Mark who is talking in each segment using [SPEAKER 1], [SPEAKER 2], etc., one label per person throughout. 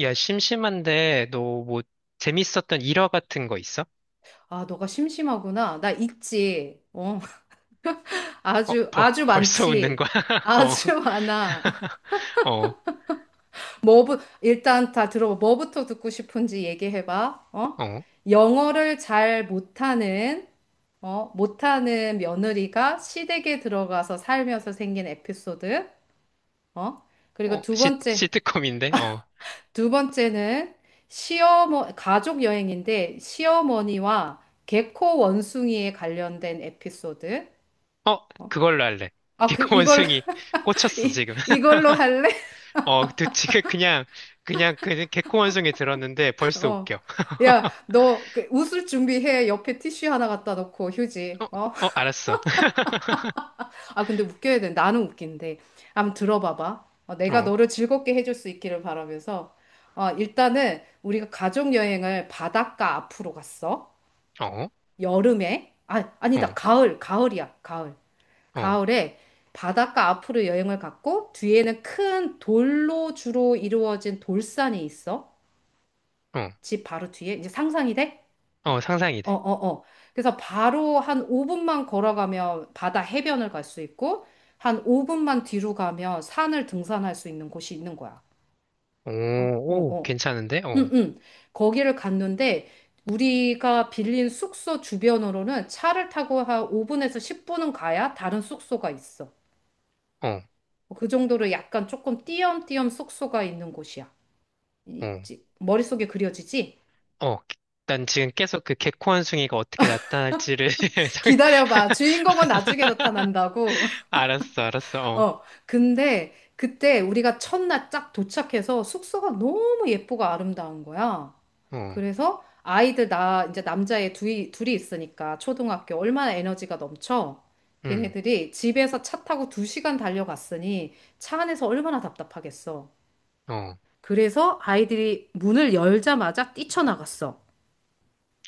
[SPEAKER 1] 야, 심심한데, 너 뭐, 재밌었던 일화 같은 거 있어?
[SPEAKER 2] 아, 너가 심심하구나. 나 있지. 어,
[SPEAKER 1] 어,
[SPEAKER 2] 아주,
[SPEAKER 1] 벌,
[SPEAKER 2] 아주
[SPEAKER 1] 벌써 웃는 거야?
[SPEAKER 2] 많지.
[SPEAKER 1] 어,
[SPEAKER 2] 아주 많아.
[SPEAKER 1] 어,
[SPEAKER 2] 일단 다 들어봐. 뭐부터 듣고 싶은지 얘기해봐. 어?
[SPEAKER 1] 어,
[SPEAKER 2] 영어를 잘 못하는 며느리가 시댁에 들어가서 살면서 생긴 에피소드. 어?
[SPEAKER 1] 어,
[SPEAKER 2] 그리고 두
[SPEAKER 1] 시,
[SPEAKER 2] 번째,
[SPEAKER 1] 시트콤인데? 어,
[SPEAKER 2] 두 번째는 가족 여행인데 시어머니와 개코 원숭이에 관련된 에피소드.
[SPEAKER 1] 어,
[SPEAKER 2] 어?
[SPEAKER 1] 그걸로 할래.
[SPEAKER 2] 아, 그, 이걸
[SPEAKER 1] 개코원숭이 꽂혔어,
[SPEAKER 2] 이,
[SPEAKER 1] 지금.
[SPEAKER 2] 이걸로 할래?
[SPEAKER 1] 어, 그, 지금 그냥, 그냥, 그, 개코원숭이 들었는데 벌써
[SPEAKER 2] 어.
[SPEAKER 1] 웃겨.
[SPEAKER 2] 야, 너 그, 웃을 준비해. 옆에 티슈 하나 갖다 놓고
[SPEAKER 1] 어,
[SPEAKER 2] 휴지. 어?
[SPEAKER 1] 어, 알았어.
[SPEAKER 2] 아, 근데 웃겨야 돼. 나는 웃긴데. 한번 들어봐봐. 어, 내가
[SPEAKER 1] 어,
[SPEAKER 2] 너를 즐겁게 해줄 수 있기를 바라면서. 어, 일단은 우리가 가족 여행을 바닷가 앞으로 갔어.
[SPEAKER 1] 어,
[SPEAKER 2] 여름에. 아, 아니다.
[SPEAKER 1] 어,
[SPEAKER 2] 가을. 가을이야. 가을.
[SPEAKER 1] 어,
[SPEAKER 2] 가을에 바닷가 앞으로 여행을 갔고 뒤에는 큰 돌로 주로 이루어진 돌산이 있어.
[SPEAKER 1] 어,
[SPEAKER 2] 집 바로 뒤에. 이제 상상이 돼?
[SPEAKER 1] 어, 상상이
[SPEAKER 2] 어,
[SPEAKER 1] 돼.
[SPEAKER 2] 어, 어. 그래서 바로 한 5분만 걸어가면 바다 해변을 갈 수 있고, 한 5분만 뒤로 가면 산을 등산할 수 있는 곳이 있는 거야.
[SPEAKER 1] 오,
[SPEAKER 2] 아, 어,
[SPEAKER 1] 오,
[SPEAKER 2] 어.
[SPEAKER 1] 괜찮은데? 어,
[SPEAKER 2] 응, 응. 거기를 갔는데, 우리가 빌린 숙소 주변으로는 차를 타고 한 5분에서 10분은 가야 다른 숙소가 있어.
[SPEAKER 1] 어,
[SPEAKER 2] 그 정도로 약간 조금 띄엄띄엄 숙소가 있는 곳이야.
[SPEAKER 1] 어.
[SPEAKER 2] 머릿속에 그려지지?
[SPEAKER 1] 어, 난 지금 계속 그 개코원숭이가 어떻게 나타날지를 상-
[SPEAKER 2] 기다려봐. 주인공은 나중에 나타난다고.
[SPEAKER 1] 알았어, 알았어.
[SPEAKER 2] 어, 근데 그때 우리가 첫날 쫙 도착해서 숙소가 너무 예쁘고 아름다운 거야.
[SPEAKER 1] 어, 어,
[SPEAKER 2] 그래서 아이들 나 이제 남자애 둘이 있으니까 초등학교 얼마나 에너지가 넘쳐.
[SPEAKER 1] 음,
[SPEAKER 2] 걔네들이 집에서 차 타고 2시간 달려갔으니 차 안에서 얼마나 답답하겠어.
[SPEAKER 1] 어,
[SPEAKER 2] 그래서 아이들이 문을 열자마자 뛰쳐나갔어.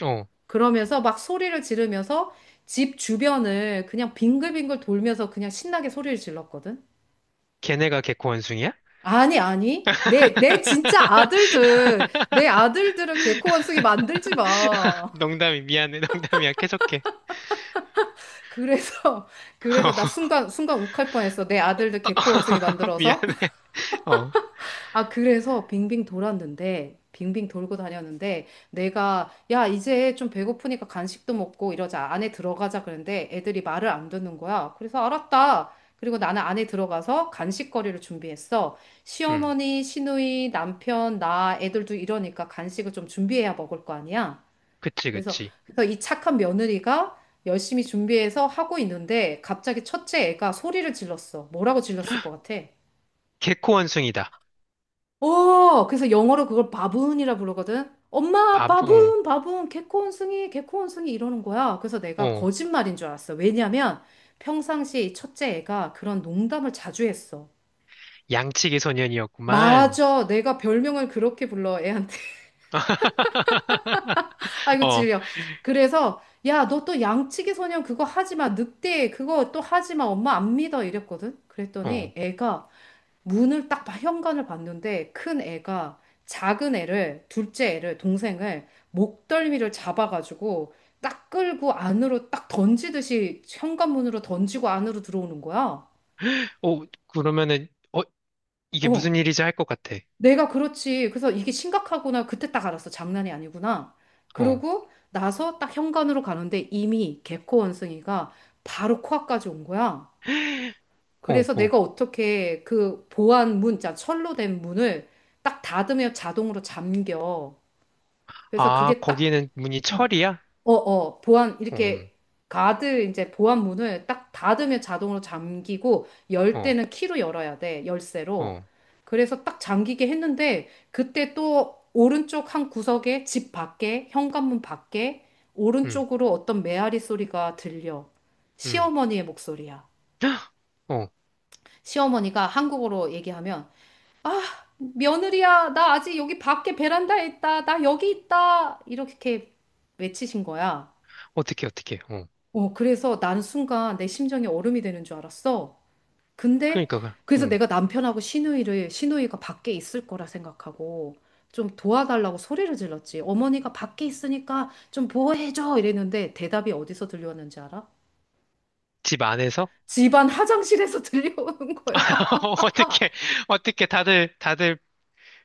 [SPEAKER 1] 어.
[SPEAKER 2] 그러면서 막 소리를 지르면서 집 주변을 그냥 빙글빙글 돌면서 그냥 신나게 소리를 질렀거든.
[SPEAKER 1] 걔네가 개코원숭이야?
[SPEAKER 2] 아니, 아니. 내 진짜 아들들, 내 아들들은 개코 원숭이 만들지 마.
[SPEAKER 1] 농담이 미안해, 농담이야. 계속해.
[SPEAKER 2] 그래서, 그래서 나 순간, 순간 욱할 뻔했어. 내 아들들
[SPEAKER 1] 어.
[SPEAKER 2] 개코 원숭이 만들어서.
[SPEAKER 1] 미안해. 어,
[SPEAKER 2] 아, 그래서 빙빙 돌았는데, 빙빙 돌고 다녔는데, 내가, 야, 이제 좀 배고프니까 간식도 먹고 이러자. 안에 들어가자. 그랬는데 애들이 말을 안 듣는 거야. 그래서 알았다. 그리고 나는 안에 들어가서 간식거리를 준비했어.
[SPEAKER 1] 음,
[SPEAKER 2] 시어머니, 시누이, 남편, 나, 애들도 이러니까 간식을 좀 준비해야 먹을 거 아니야.
[SPEAKER 1] 그치,
[SPEAKER 2] 그래서,
[SPEAKER 1] 그치.
[SPEAKER 2] 그래서 이 착한 며느리가 열심히 준비해서 하고 있는데, 갑자기 첫째 애가 소리를 질렀어. 뭐라고 질렀을 것 같아?
[SPEAKER 1] 개코원숭이다.
[SPEAKER 2] 어, 그래서 영어로 그걸 바분이라 부르거든. 엄마,
[SPEAKER 1] 밥, 어,
[SPEAKER 2] 바분, 바분, 개코원숭이, 개코원숭이 이러는 거야. 그래서 내가
[SPEAKER 1] 어.
[SPEAKER 2] 거짓말인 줄 알았어. 왜냐면 평상시 이 첫째 애가 그런 농담을 자주 했어.
[SPEAKER 1] 양치기 소년이었구만.
[SPEAKER 2] 맞아, 내가 별명을 그렇게 불러, 애한테. 아이고,
[SPEAKER 1] 어,
[SPEAKER 2] 찔려. 그래서, 야, 너 또 양치기 소년 그거 하지 마. 늑대, 그거 또 하지 마. 엄마 안 믿어. 이랬거든.
[SPEAKER 1] 어.
[SPEAKER 2] 그랬더니 애가 문을 딱 현관을 봤는데 큰 애가 작은 애를 둘째 애를 동생을 목덜미를 잡아가지고 딱 끌고 안으로 딱 던지듯이 현관문으로 던지고 안으로 들어오는 거야.
[SPEAKER 1] 어, 그러면은, 어, 이게 무슨
[SPEAKER 2] 어,
[SPEAKER 1] 일이지 할 것 같아.
[SPEAKER 2] 내가 그렇지. 그래서 이게 심각하구나. 그때 딱 알았어. 장난이 아니구나.
[SPEAKER 1] 어,
[SPEAKER 2] 그러고 나서 딱 현관으로 가는데 이미 개코 원숭이가 바로 코앞까지 온 거야.
[SPEAKER 1] 어,
[SPEAKER 2] 그래서
[SPEAKER 1] 어.
[SPEAKER 2] 내가 어떻게 그 보안 문, 자, 철로 된 문을 딱 닫으면 자동으로 잠겨. 그래서
[SPEAKER 1] 아,
[SPEAKER 2] 그게 딱,
[SPEAKER 1] 거기에는 문이
[SPEAKER 2] 어,
[SPEAKER 1] 철이야?
[SPEAKER 2] 보안,
[SPEAKER 1] 어,
[SPEAKER 2] 이렇게 가드, 이제 보안 문을 딱 닫으면 자동으로 잠기고, 열
[SPEAKER 1] 어,
[SPEAKER 2] 때는 키로 열어야 돼, 열쇠로.
[SPEAKER 1] 어,
[SPEAKER 2] 그래서 딱 잠기게 했는데, 그때 또 오른쪽 한 구석에 집 밖에, 현관문 밖에,
[SPEAKER 1] 음,
[SPEAKER 2] 오른쪽으로 어떤 메아리 소리가 들려.
[SPEAKER 1] 음.
[SPEAKER 2] 시어머니의 목소리야.
[SPEAKER 1] 헉! 어,
[SPEAKER 2] 시어머니가 한국어로 얘기하면, 며느리야, 나 아직 여기 밖에 베란다에 있다. 나 여기 있다. 이렇게 외치신 거야.
[SPEAKER 1] 어떻게, 어떻게, 어.
[SPEAKER 2] 어, 그래서 나는 순간 내 심장이 얼음이 되는 줄 알았어. 근데
[SPEAKER 1] 그러니까, 그,
[SPEAKER 2] 그래서
[SPEAKER 1] 어.
[SPEAKER 2] 내가 남편하고 시누이를 시누이가 밖에 있을 거라 생각하고 좀 도와달라고 소리를 질렀지. 어머니가 밖에 있으니까 좀 보호해줘. 이랬는데 대답이 어디서 들려왔는지 알아?
[SPEAKER 1] 집 안에서?
[SPEAKER 2] 집안 화장실에서 들려오는 거야.
[SPEAKER 1] 어떻게, 어떻게 다들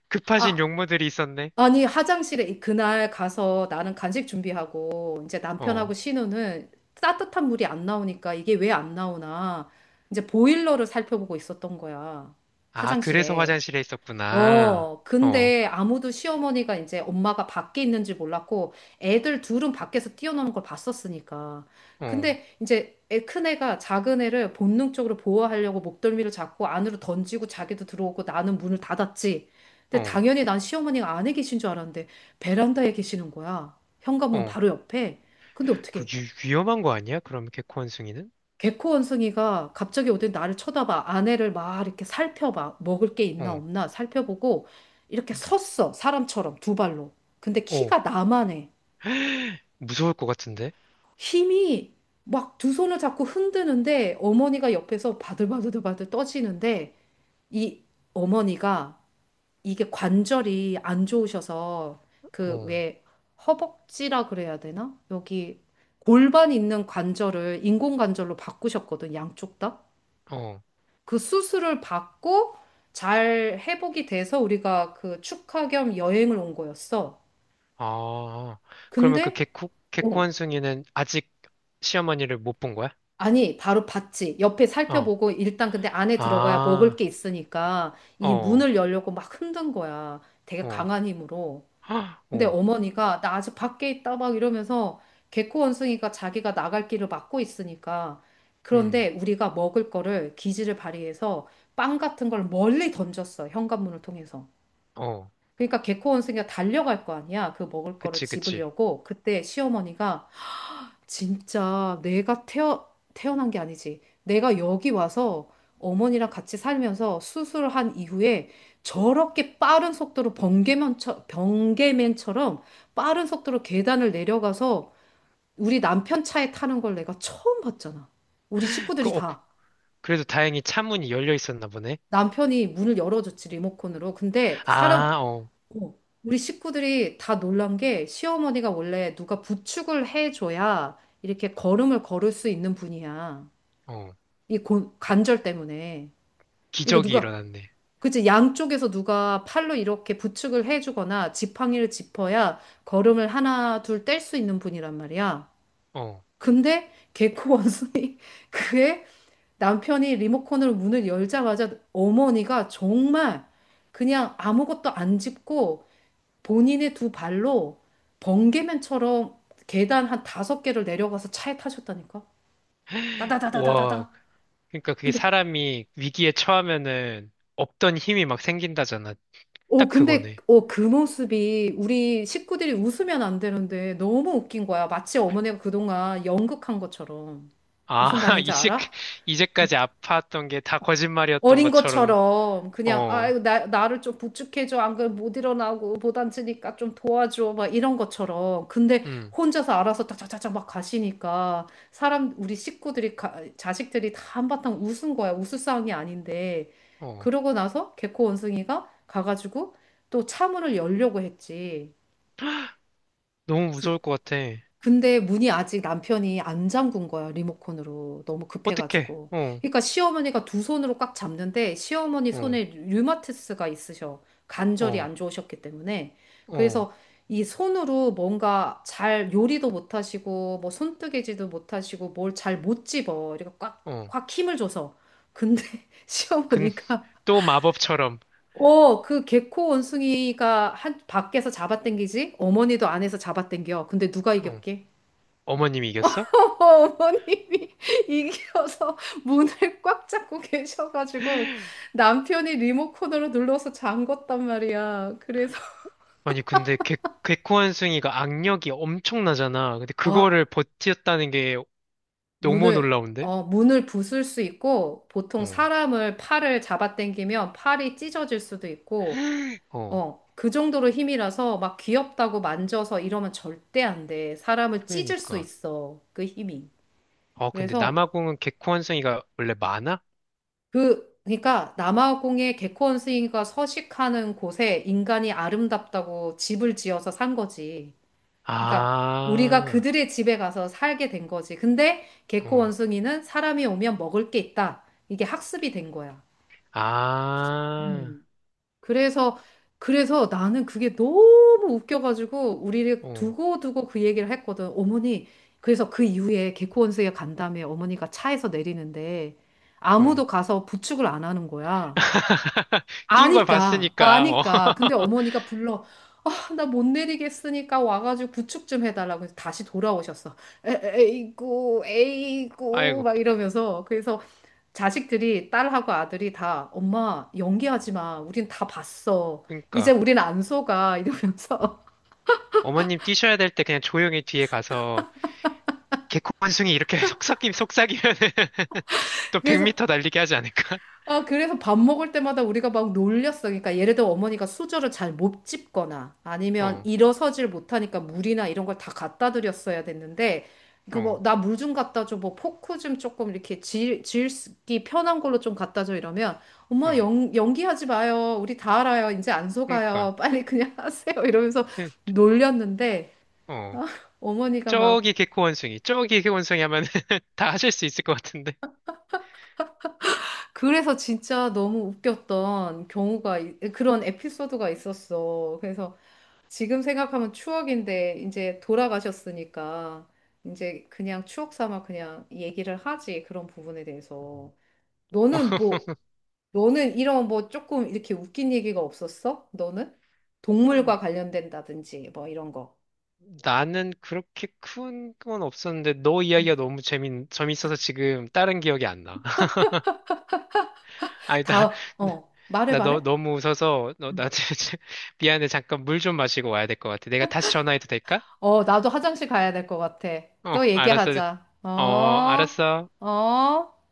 [SPEAKER 1] 급하신
[SPEAKER 2] 아,
[SPEAKER 1] 용무들이 있었네.
[SPEAKER 2] 아니, 화장실에 그날 가서 나는 간식 준비하고 이제 남편하고
[SPEAKER 1] 어.
[SPEAKER 2] 신우는 따뜻한 물이 안 나오니까 이게 왜 안 나오나 이제 보일러를 살펴보고 있었던 거야.
[SPEAKER 1] 아, 그래서
[SPEAKER 2] 화장실에.
[SPEAKER 1] 화장실에 있었구나.
[SPEAKER 2] 어,
[SPEAKER 1] 어,
[SPEAKER 2] 근데 아무도 시어머니가 이제 엄마가 밖에 있는지 몰랐고 애들 둘은 밖에서 뛰어노는 걸 봤었으니까.
[SPEAKER 1] 어,
[SPEAKER 2] 근데 이제 애, 큰 애가 작은 애를 본능적으로 보호하려고 목덜미를 잡고 안으로 던지고 자기도 들어오고 나는 문을 닫았지. 근데
[SPEAKER 1] 어,
[SPEAKER 2] 당연히 난 시어머니가 안에 계신 줄 알았는데 베란다에 계시는 거야. 현관문
[SPEAKER 1] 어.
[SPEAKER 2] 바로 옆에. 근데
[SPEAKER 1] 그
[SPEAKER 2] 어떻게?
[SPEAKER 1] 위, 위험한 거 아니야? 그럼 개코 원숭이는?
[SPEAKER 2] 개코 원숭이가 갑자기 어더 나를 쳐다봐. 아내를 막 이렇게 살펴봐. 먹을 게 있나
[SPEAKER 1] 어,
[SPEAKER 2] 없나 살펴보고 이렇게
[SPEAKER 1] 음.
[SPEAKER 2] 섰어. 사람처럼 두 발로. 근데
[SPEAKER 1] 어.
[SPEAKER 2] 키가 나만 해.
[SPEAKER 1] 무서울 것 같은데?
[SPEAKER 2] 힘이 막 두 손을 잡고 흔드는데 어머니가 옆에서 바들바들바들 떠지는데 이 어머니가 이게 관절이 안 좋으셔서 그
[SPEAKER 1] 어,
[SPEAKER 2] 왜 허벅지라 그래야 되나? 여기 골반 있는 관절을 인공관절로 바꾸셨거든. 양쪽 다.
[SPEAKER 1] 어.
[SPEAKER 2] 그 수술을 받고 잘 회복이 돼서 우리가 그 축하 겸 여행을 온 거였어.
[SPEAKER 1] 아, 그러면 그
[SPEAKER 2] 근데,
[SPEAKER 1] 개코, 개코
[SPEAKER 2] 어,
[SPEAKER 1] 한승이는 아직 시어머니를 못 본 거야?
[SPEAKER 2] 아니, 바로 봤지. 옆에
[SPEAKER 1] 어,
[SPEAKER 2] 살펴보고 일단 근데 안에 들어가야 먹을
[SPEAKER 1] 아,
[SPEAKER 2] 게 있으니까 이
[SPEAKER 1] 어,
[SPEAKER 2] 문을 열려고 막 흔든 거야. 되게
[SPEAKER 1] 어,
[SPEAKER 2] 강한 힘으로.
[SPEAKER 1] 헉,
[SPEAKER 2] 근데
[SPEAKER 1] 어,
[SPEAKER 2] 어머니가 나 아직 밖에 있다 막 이러면서 개코 원숭이가 자기가 나갈 길을 막고 있으니까
[SPEAKER 1] 음,
[SPEAKER 2] 그런데 우리가 먹을 거를 기지를 발휘해서 빵 같은 걸 멀리 던졌어. 현관문을 통해서.
[SPEAKER 1] 어.
[SPEAKER 2] 그러니까 개코 원숭이가 달려갈 거 아니야. 그 먹을 거를
[SPEAKER 1] 그치, 그치.
[SPEAKER 2] 집으려고. 그때 시어머니가 진짜 내가 태어난 게 아니지. 내가 여기 와서 어머니랑 같이 살면서 수술한 이후에 저렇게 빠른 속도로 번개맨처럼 빠른 속도로 계단을 내려가서 우리 남편 차에 타는 걸 내가 처음 봤잖아. 우리
[SPEAKER 1] 그,
[SPEAKER 2] 식구들이
[SPEAKER 1] 어, 그,
[SPEAKER 2] 다.
[SPEAKER 1] 그래도 다행히 차문이 열려 있었나 보네.
[SPEAKER 2] 남편이 문을 열어줬지, 리모컨으로. 근데 사람,
[SPEAKER 1] 아, 어,
[SPEAKER 2] 어, 우리 식구들이 다 놀란 게 시어머니가 원래 누가 부축을 해줘야 이렇게 걸음을 걸을 수 있는 분이야.
[SPEAKER 1] 어.
[SPEAKER 2] 이 관절 때문에. 이거
[SPEAKER 1] 기적이
[SPEAKER 2] 누가,
[SPEAKER 1] 일어났네.
[SPEAKER 2] 그치, 양쪽에서 누가 팔로 이렇게 부축을 해주거나 지팡이를 짚어야 걸음을 하나, 둘 뗄 수 있는 분이란 말이야.
[SPEAKER 1] 어.
[SPEAKER 2] 근데 개코 원숭이, 그의 남편이 리모컨으로 문을 열자마자 어머니가 정말 그냥 아무것도 안 짚고 본인의 두 발로 번개맨처럼 계단 한 5개를 내려가서 차에 타셨다니까?
[SPEAKER 1] 와,
[SPEAKER 2] 따다다다다다다.
[SPEAKER 1] 그러니까 그게
[SPEAKER 2] 근데,
[SPEAKER 1] 사람이 위기에 처하면은 없던 힘이 막 생긴다잖아. 딱 그거네.
[SPEAKER 2] 그 모습이 우리 식구들이 웃으면 안 되는데 너무 웃긴 거야. 마치 어머니가 그동안 연극한 것처럼.
[SPEAKER 1] 아,
[SPEAKER 2] 무슨 말인지
[SPEAKER 1] 이제,
[SPEAKER 2] 알아?
[SPEAKER 1] 이제까지 아팠던 게 다 거짓말이었던
[SPEAKER 2] 어린
[SPEAKER 1] 것처럼,
[SPEAKER 2] 것처럼 그냥
[SPEAKER 1] 어,
[SPEAKER 2] 아이고 나 나를 좀 부축해줘 안 그러면 못 일어나고 못 앉으니까 좀 도와줘 막 이런 것처럼 근데
[SPEAKER 1] 음,
[SPEAKER 2] 혼자서 알아서 딱딱딱딱 막 가시니까 사람 우리 식구들이 자식들이 다 한바탕 웃은 거야 웃을 상황이 아닌데
[SPEAKER 1] 어.
[SPEAKER 2] 그러고 나서 개코 원숭이가 가가지고 또 차문을 열려고 했지
[SPEAKER 1] 너무 무서울 것 같아.
[SPEAKER 2] 근데 문이 아직 남편이 안 잠근 거야, 리모컨으로. 너무
[SPEAKER 1] 어떡해,
[SPEAKER 2] 급해가지고.
[SPEAKER 1] 어,
[SPEAKER 2] 그러니까 시어머니가 두 손으로 꽉 잡는데 시어머니
[SPEAKER 1] 어,
[SPEAKER 2] 손에 류마티스가 있으셔. 관절이
[SPEAKER 1] 어,
[SPEAKER 2] 안 좋으셨기 때문에.
[SPEAKER 1] 어,
[SPEAKER 2] 그래서 이 손으로 뭔가 잘 요리도 못 하시고, 뭐 손뜨개질도 못 하시고, 뭘 잘 못 집어. 이렇게 꽉,
[SPEAKER 1] 어.
[SPEAKER 2] 꽉 힘을 줘서. 근데
[SPEAKER 1] 근,
[SPEAKER 2] 시어머니가
[SPEAKER 1] 또 마법처럼,
[SPEAKER 2] 어, 그 개코 원숭이가 한 밖에서 잡아당기지? 어머니도 안에서 잡아당겨. 근데 누가
[SPEAKER 1] 어,
[SPEAKER 2] 이겼게?
[SPEAKER 1] 어머님이 이겼어?
[SPEAKER 2] 어머님이 이기어서 문을 꽉 잡고 계셔가지고 남편이 리모컨으로 눌러서 잠궜단 말이야. 그래서
[SPEAKER 1] 아니, 근데 개, 개코한승이가 악력이 엄청나잖아. 근데
[SPEAKER 2] 아,
[SPEAKER 1] 그거를 버텼다는 게 너무
[SPEAKER 2] 문을
[SPEAKER 1] 놀라운데?
[SPEAKER 2] 문을 부술 수 있고 보통
[SPEAKER 1] 어,
[SPEAKER 2] 사람을 팔을 잡아당기면 팔이 찢어질 수도 있고
[SPEAKER 1] 어,
[SPEAKER 2] 어, 그 정도로 힘이라서 막 귀엽다고 만져서 이러면 절대 안 돼. 사람을 찢을 수
[SPEAKER 1] 그러니까.
[SPEAKER 2] 있어. 그 힘이.
[SPEAKER 1] 어, 근데
[SPEAKER 2] 그래서
[SPEAKER 1] 남아공은 개코한승이가 원래 많아?
[SPEAKER 2] 그러니까 남아공의 개코 원숭이가 서식하는 곳에 인간이 아름답다고 집을 지어서 산 거지. 그러니까 우리가
[SPEAKER 1] 아,
[SPEAKER 2] 그들의 집에 가서 살게 된 거지. 근데 개코
[SPEAKER 1] 어.
[SPEAKER 2] 원숭이는 사람이 오면 먹을 게 있다. 이게 학습이 된 거야.
[SPEAKER 1] 아,
[SPEAKER 2] 음. 그래서, 그래서 나는 그게 너무 웃겨가지고 우리를
[SPEAKER 1] 어,
[SPEAKER 2] 두고두고 그 얘기를 했거든. 어머니, 그래서 그 이후에 개코 원숭이가 간 다음에 어머니가 차에서 내리는데
[SPEAKER 1] 어.
[SPEAKER 2] 아무도 가서 부축을 안 하는 거야.
[SPEAKER 1] 뛴 걸
[SPEAKER 2] 아니까,
[SPEAKER 1] 봤으니까, 어.
[SPEAKER 2] 아니까. 근데 어머니가 불러. 아, 나 못 내리겠으니까 와가지고 구축 좀 해달라고 해서 다시 돌아오셨어. 에, 에이구, 에이구,
[SPEAKER 1] 아이고,
[SPEAKER 2] 막 이러면서. 그래서 자식들이, 딸하고 아들이 다, 엄마, 연기하지 마. 우린 다 봤어. 이제
[SPEAKER 1] 그러니까.
[SPEAKER 2] 우린 안 속아. 이러면서.
[SPEAKER 1] 어머님 뛰셔야 될 때 그냥 조용히 뒤에 가서 개콘숭이 이렇게 속삭이면은 또
[SPEAKER 2] 그래서,
[SPEAKER 1] 100m 달리게 하지 않을까?
[SPEAKER 2] 그래서 밥 먹을 때마다 우리가 막 놀렸어. 그러니까 예를 들어 어머니가 수저를 잘 못 집거나 아니면
[SPEAKER 1] 어,
[SPEAKER 2] 일어서질 못하니까 물이나 이런 걸 다 갖다 드렸어야 됐는데 그 뭐
[SPEAKER 1] 어,
[SPEAKER 2] 나 물 좀 갖다 줘. 뭐 포크 좀 조금 이렇게 질기 편한 걸로 좀 갖다 줘 이러면 엄마
[SPEAKER 1] 어.
[SPEAKER 2] 연기하지 마요. 우리 다 알아요. 이제 안
[SPEAKER 1] 그러니까.
[SPEAKER 2] 속아요. 빨리 그냥 하세요. 이러면서
[SPEAKER 1] 네,
[SPEAKER 2] 놀렸는데
[SPEAKER 1] 어.
[SPEAKER 2] 아, 어머니가 막
[SPEAKER 1] 저기 개코원숭이, 저기 개코원숭이 하면 다 하실 수 있을 것 같은데.
[SPEAKER 2] 그래서 진짜 너무 웃겼던 경우가 그런 에피소드가 있었어. 그래서 지금 생각하면 추억인데 이제 돌아가셨으니까 이제 그냥 추억 삼아 그냥 얘기를 하지 그런 부분에 대해서
[SPEAKER 1] 어,
[SPEAKER 2] 너는 뭐 너는 이런 뭐 조금 이렇게 웃긴 얘기가 없었어? 너는
[SPEAKER 1] 어,
[SPEAKER 2] 동물과 관련된다든지 뭐 이런 거.
[SPEAKER 1] 나는 그렇게 큰 건 없었는데 너 이야기가
[SPEAKER 2] 음,
[SPEAKER 1] 너무 재밌, 재밌어서 지금 다른 기억이 안 나. 아니, 나,
[SPEAKER 2] 다음 어 말해 말해.
[SPEAKER 1] 너무 웃어서, 너,
[SPEAKER 2] 음.
[SPEAKER 1] 나, 진짜 미안해. 잠깐 물 좀 마시고 와야 될 것 같아. 내가 다시 전화해도 될까?
[SPEAKER 2] 어 나도 화장실 가야 될 것 같아.
[SPEAKER 1] 어,
[SPEAKER 2] 또
[SPEAKER 1] 알았어.
[SPEAKER 2] 얘기하자. 어
[SPEAKER 1] 어, 알았어.
[SPEAKER 2] 어.